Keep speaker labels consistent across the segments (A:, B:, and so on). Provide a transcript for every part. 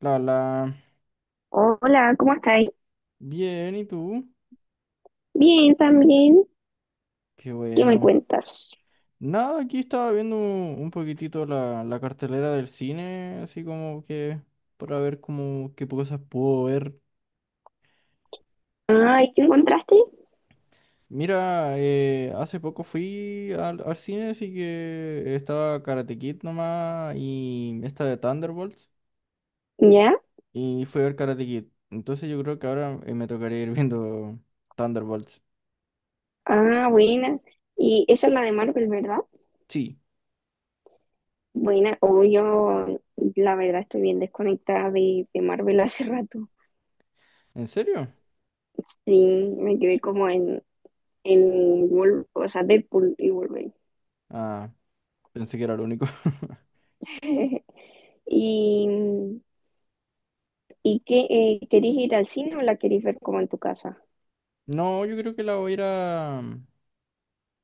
A: La, la,
B: Hola, ¿cómo estáis?
A: bien, ¿y tú?
B: Bien, también.
A: Qué
B: ¿Qué me
A: bueno.
B: cuentas?
A: Nada, aquí estaba viendo un poquitito la cartelera del cine, así como que para ver como qué cosas puedo ver.
B: Ay, ¿qué encontraste?
A: Mira, hace poco fui al cine, así que estaba Karate Kid nomás y esta de Thunderbolts,
B: ¿Ya?
A: y fui a ver Karate Kid. Entonces yo creo que ahora me tocaría ir viendo Thunderbolts.
B: Ah, buena. Y esa es la de Marvel, ¿verdad?
A: Sí,
B: Buena. O yo, la verdad, estoy bien desconectada de Marvel hace rato.
A: ¿en serio?
B: Sí, me quedé como en o sea, Deadpool y Wolverine.
A: Ah, pensé que era lo único.
B: ¿Y, y qué? ¿Querés ir al cine o la querés ver como en tu casa?
A: No, yo creo que la voy a ir a...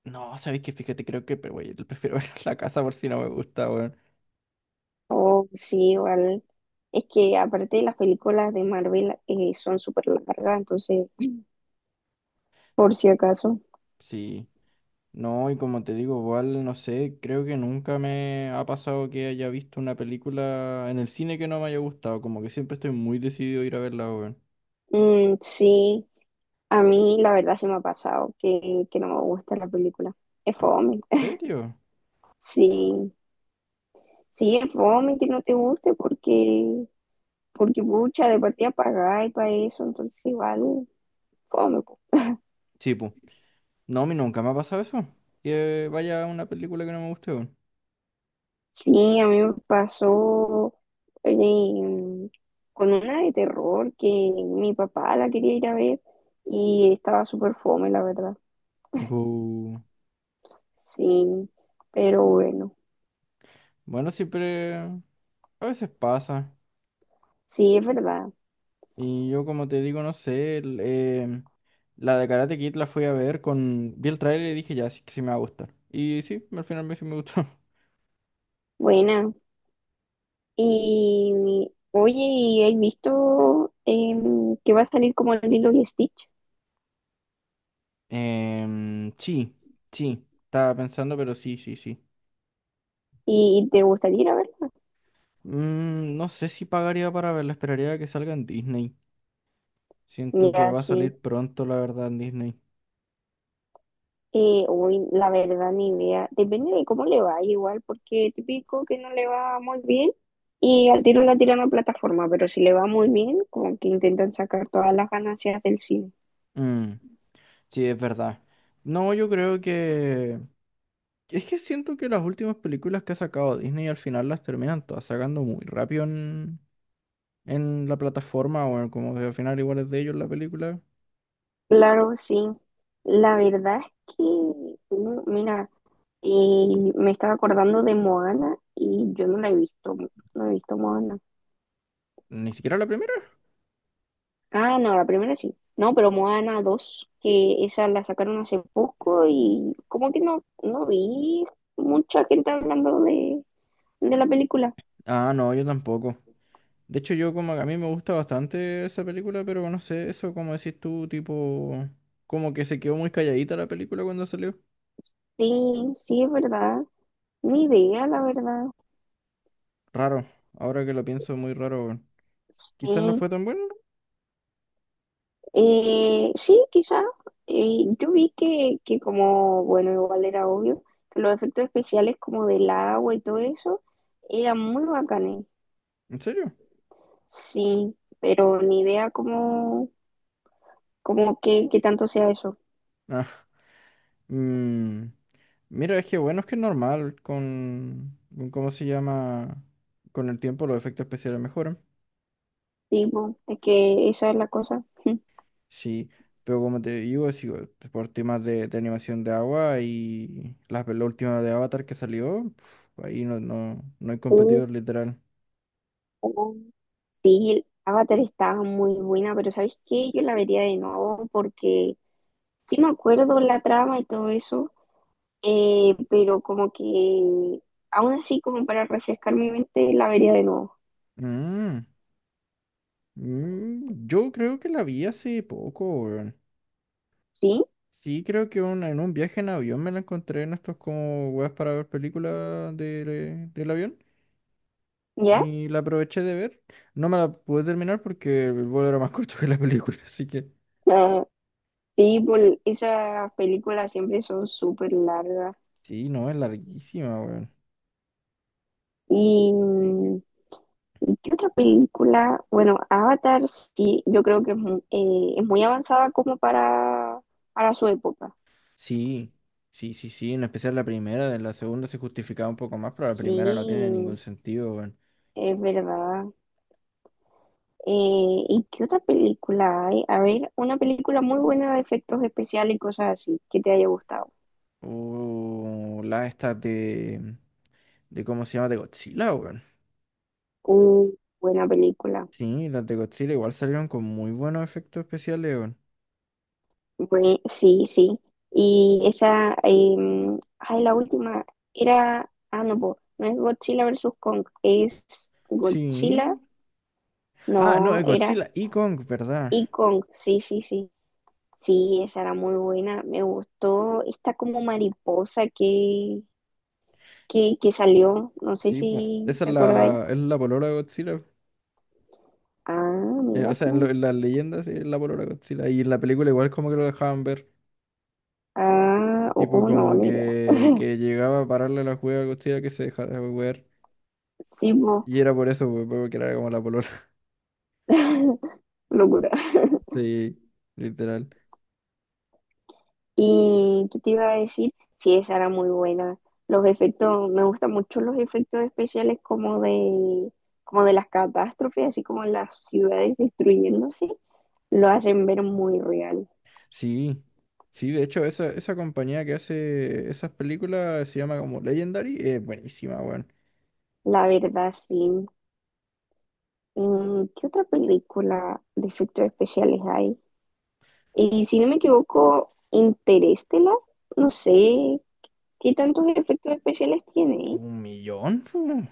A: No, sabéis que fíjate, creo que, pero güey, prefiero ver la casa por si no me gusta, weón.
B: Oh, sí, igual. Es que aparte las películas de Marvel son súper largas, entonces, por si acaso.
A: Sí. No, y como te digo, igual, no sé, creo que nunca me ha pasado que haya visto una película en el cine que no me haya gustado, como que siempre estoy muy decidido a ir a verla, weón.
B: Mm, sí, a mí la verdad se me ha pasado que no me gusta la película. Es
A: ¿En
B: fome.
A: serio?
B: Sí, sí, es fome que no te guste porque, porque pucha, de partida pagáis para eso, entonces igual, fome po.
A: Sí, pues. No, a mí nunca me ha pasado eso, que vaya a una película que no me guste, weón.
B: Sí, a mí me pasó eh, con una de terror que mi papá la quería ir a ver y estaba súper fome, la verdad.
A: Bu.
B: Sí, pero bueno,
A: Bueno, siempre... A veces pasa.
B: sí, es verdad.
A: Y yo, como te digo, no sé, el, la de Karate Kid la fui a ver con... Vi el trailer y dije, ya, sí, que sí me va a gustar. Y sí, al final me, sí me gustó.
B: Buena. Y oye, ¿y has visto que va a salir como el Lilo y Stitch?
A: Sí, sí, estaba pensando, pero sí, sí, sí.
B: ¿Y te gustaría ir a verla?
A: Mm, no sé si pagaría para verla, esperaría a que salga en Disney. Siento que
B: Mira,
A: va a
B: sí.
A: salir pronto, la verdad, en Disney.
B: Uy, la verdad, ni idea. Depende de cómo le va, igual, porque típico que no le va muy bien y al tiro la tiran a plataforma, pero si le va muy bien, como que intentan sacar todas las ganancias del cine.
A: Mm, sí, es verdad. No, yo creo que... Es que siento que las últimas películas que ha sacado Disney al final las terminan todas sacando muy rápido en la plataforma, o en como que al final igual es de ellos la película.
B: Claro, sí. La verdad es que, no, mira, me estaba acordando de Moana y yo no la he visto, no he visto Moana.
A: Ni siquiera la primera.
B: Ah, no, la primera sí. No, pero Moana 2, que esa la sacaron hace poco y como que no, no vi mucha gente hablando de la película.
A: Ah, no, yo tampoco. De hecho, yo como que a mí me gusta bastante esa película, pero no sé, eso como decís tú, tipo, como que se quedó muy calladita la película cuando salió.
B: Sí, sí, es verdad. Ni idea, la verdad.
A: Raro, ahora que lo pienso, muy raro, weón. Quizás no
B: Sí,
A: fue tan bueno,
B: sí, quizá. Yo vi que como, bueno, igual era obvio, que los efectos especiales como del agua y todo eso eran muy bacanes.
A: ¿en serio?
B: Sí, pero ni idea como, como que tanto sea eso.
A: Ah, mm, mira, es que bueno, es que es normal ¿cómo se llama? Con el tiempo los efectos especiales mejoran.
B: Sí, po, es que esa es la cosa. Sí,
A: Sí, pero como te digo, es igual, pues, por temas de animación de agua y la última de Avatar que salió, pf, ahí no, no, no hay competidor literal.
B: oh, sí, Avatar estaba muy buena, pero ¿sabes qué? Yo la vería de nuevo porque sí me acuerdo la trama y todo eso, pero como que aún así como para refrescar mi mente la vería de nuevo.
A: Mm, mm, yo creo que la vi hace poco, weón.
B: ¿Sí?
A: Sí, creo que en un viaje en avión me la encontré en estos como weas para ver películas del avión
B: ¿Ya?
A: y la aproveché de ver. No me la pude terminar porque el vuelo era más corto que la película, así que
B: Ah, sí, por esas películas siempre son súper largas
A: sí, no, es larguísima, weón.
B: y mm, ¿qué otra película? Bueno, Avatar sí, yo creo que es, es muy avanzada como para su época.
A: Sí, sí, en especial la primera, la segunda se justificaba un poco más, pero la
B: Sí,
A: primera no tiene ningún sentido, weón.
B: es verdad. ¿Y qué otra película hay? A ver, una película muy buena de efectos especiales y cosas así, que te haya gustado.
A: O las estas ¿cómo se llama? De Godzilla, weón.
B: Uh, buena película.
A: Sí, las de Godzilla igual salieron con muy buenos efectos especiales, weón.
B: Sí, sí. Y esa, em, ay, la última era, ah, no, po, no es Godzilla versus Kong, es Godzilla,
A: Sí. Ah, no,
B: no,
A: es
B: era.
A: Godzilla y Kong, ¿verdad?
B: Y con, sí, sí, sí, sí, esa era muy buena. Me gustó esta como mariposa que salió. No sé
A: Sí, po.
B: si
A: Esa es
B: te acordáis.
A: es la polola de Godzilla.
B: Ah,
A: O
B: mira
A: sea,
B: tú.
A: en las leyendas sí, es la polola de Godzilla. Y en la película igual como que lo dejaban ver.
B: Ah,
A: Tipo
B: oh, no,
A: como
B: ni idea.
A: que llegaba a pararle la juega a Godzilla que se dejara ver.
B: Sí, mo.
A: Y era por eso, pues, porque era como la polola.
B: Locura.
A: Sí, literal.
B: ¿Y qué te iba a decir? Sí, esa era muy buena. Los efectos, me gustan mucho los efectos especiales como de las catástrofes, así como las ciudades destruyéndose, lo hacen ver muy real.
A: Sí, sí, de hecho, esa compañía que hace esas películas se llama como Legendary. Es buenísima, weón.
B: La verdad, sí. Mm, ¿qué otra película de efectos especiales hay? Y si no me equivoco, Interestelar, no sé qué tantos efectos especiales tiene, ¿eh?
A: Un millón, pu.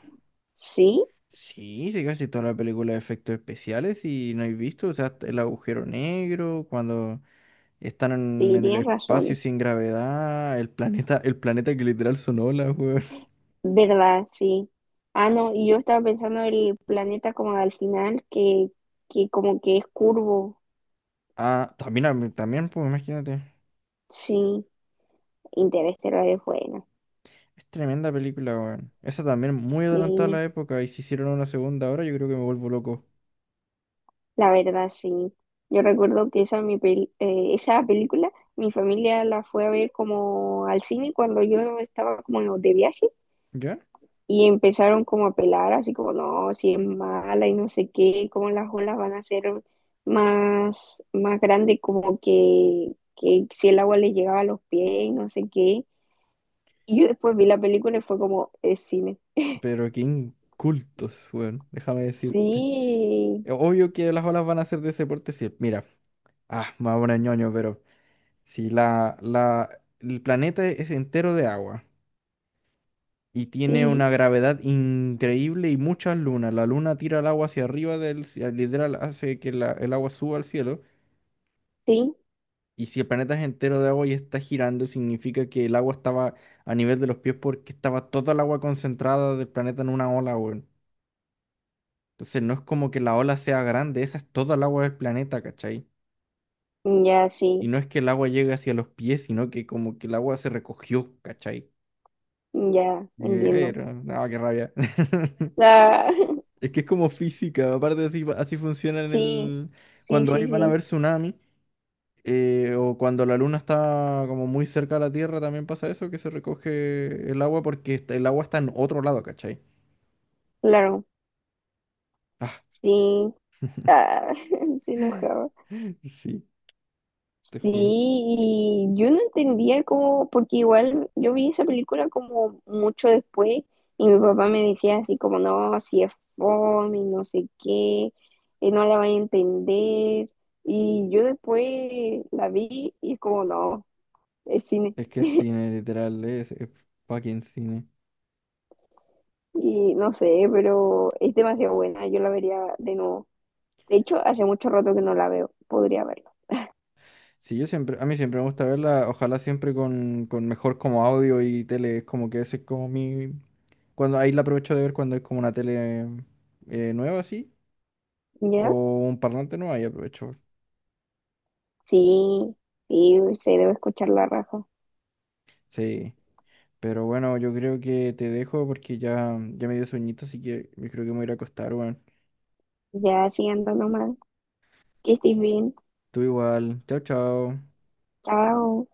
B: Sí,
A: Sí, sí, casi toda la película de efectos especiales y no he visto, o sea, hasta el agujero negro, cuando están
B: sí,
A: en el
B: tienes
A: espacio
B: razón.
A: sin gravedad, el planeta que literal son olas, weón.
B: ¿Verdad? Sí. Ah, no, y yo estaba pensando en el planeta como al final, que como que es curvo.
A: Ah, también, también, pues, imagínate.
B: Sí, Interestelar es buena.
A: Es tremenda película, weón. Esa también muy adelantada a
B: Sí.
A: la época y si hicieron una segunda ahora, yo creo que me vuelvo loco.
B: La verdad, sí. Yo recuerdo que esa, esa película, mi familia la fue a ver como al cine cuando yo estaba como de viaje
A: ¿Ya?
B: y empezaron como a pelar, así como, no, si es mala y no sé qué, como las olas van a ser más, más grandes, como que si el agua le llegaba a los pies y no sé qué. Y yo después vi la película y fue como, es cine.
A: Pero qué incultos, weón. Déjame decirte.
B: Sí,
A: Obvio que las olas van a ser de ese porte. Si, mira, ah, me voy a poner ñoño, pero si el planeta es entero de agua y tiene
B: sí,
A: una gravedad increíble y muchas lunas, la luna tira el agua hacia arriba literal hace que el agua suba al cielo.
B: sí,
A: Y si el planeta es entero de agua y está girando, significa que el agua estaba a nivel de los pies porque estaba toda el agua concentrada del planeta en una ola, weón. Entonces no es como que la ola sea grande, esa es toda el agua del planeta, ¿cachai?
B: ya,
A: Y
B: sí,
A: no es que el agua llegue hacia los pies, sino que como que el agua se recogió, ¿cachai?
B: ya, entiendo.
A: Pero, no, qué rabia.
B: Ah,
A: Es que es como física, aparte así, así funciona en
B: sí,
A: el...
B: sí,
A: Cuando ahí
B: sí,
A: van a ver
B: sí,
A: tsunami. O cuando la luna está como muy cerca de la Tierra también pasa eso, que se recoge el agua porque el agua está en otro lado, ¿cachai?
B: claro,
A: Ah,
B: sí, ah, se enojaba.
A: sí, te
B: Sí,
A: juro.
B: y yo no entendía cómo, porque igual yo vi esa película como mucho después y mi papá me decía así como, no, si es fome, y no sé qué, no la vas a entender. Y yo después la vi y es como, no, es cine.
A: Es que es cine, literal, es fucking cine.
B: Y no sé, pero es demasiado buena, yo la vería de nuevo. De hecho, hace mucho rato que no la veo, podría verla.
A: Sí, yo siempre, a mí siempre me gusta verla, ojalá siempre con mejor como audio y tele, es como que ese es como mi... Cuando ahí la aprovecho de ver cuando es como una tele nueva así,
B: ¿Ya?
A: o un parlante nuevo, ahí aprovecho.
B: Sí, sí, se debe escuchar la raja.
A: Sí. Pero bueno, yo creo que te dejo porque ya me dio sueñito, así que yo creo que me voy a ir a acostar, weón.
B: Ya, sí, ando nomás. Que estés bien.
A: Tú igual. Chao, chao.
B: Chao.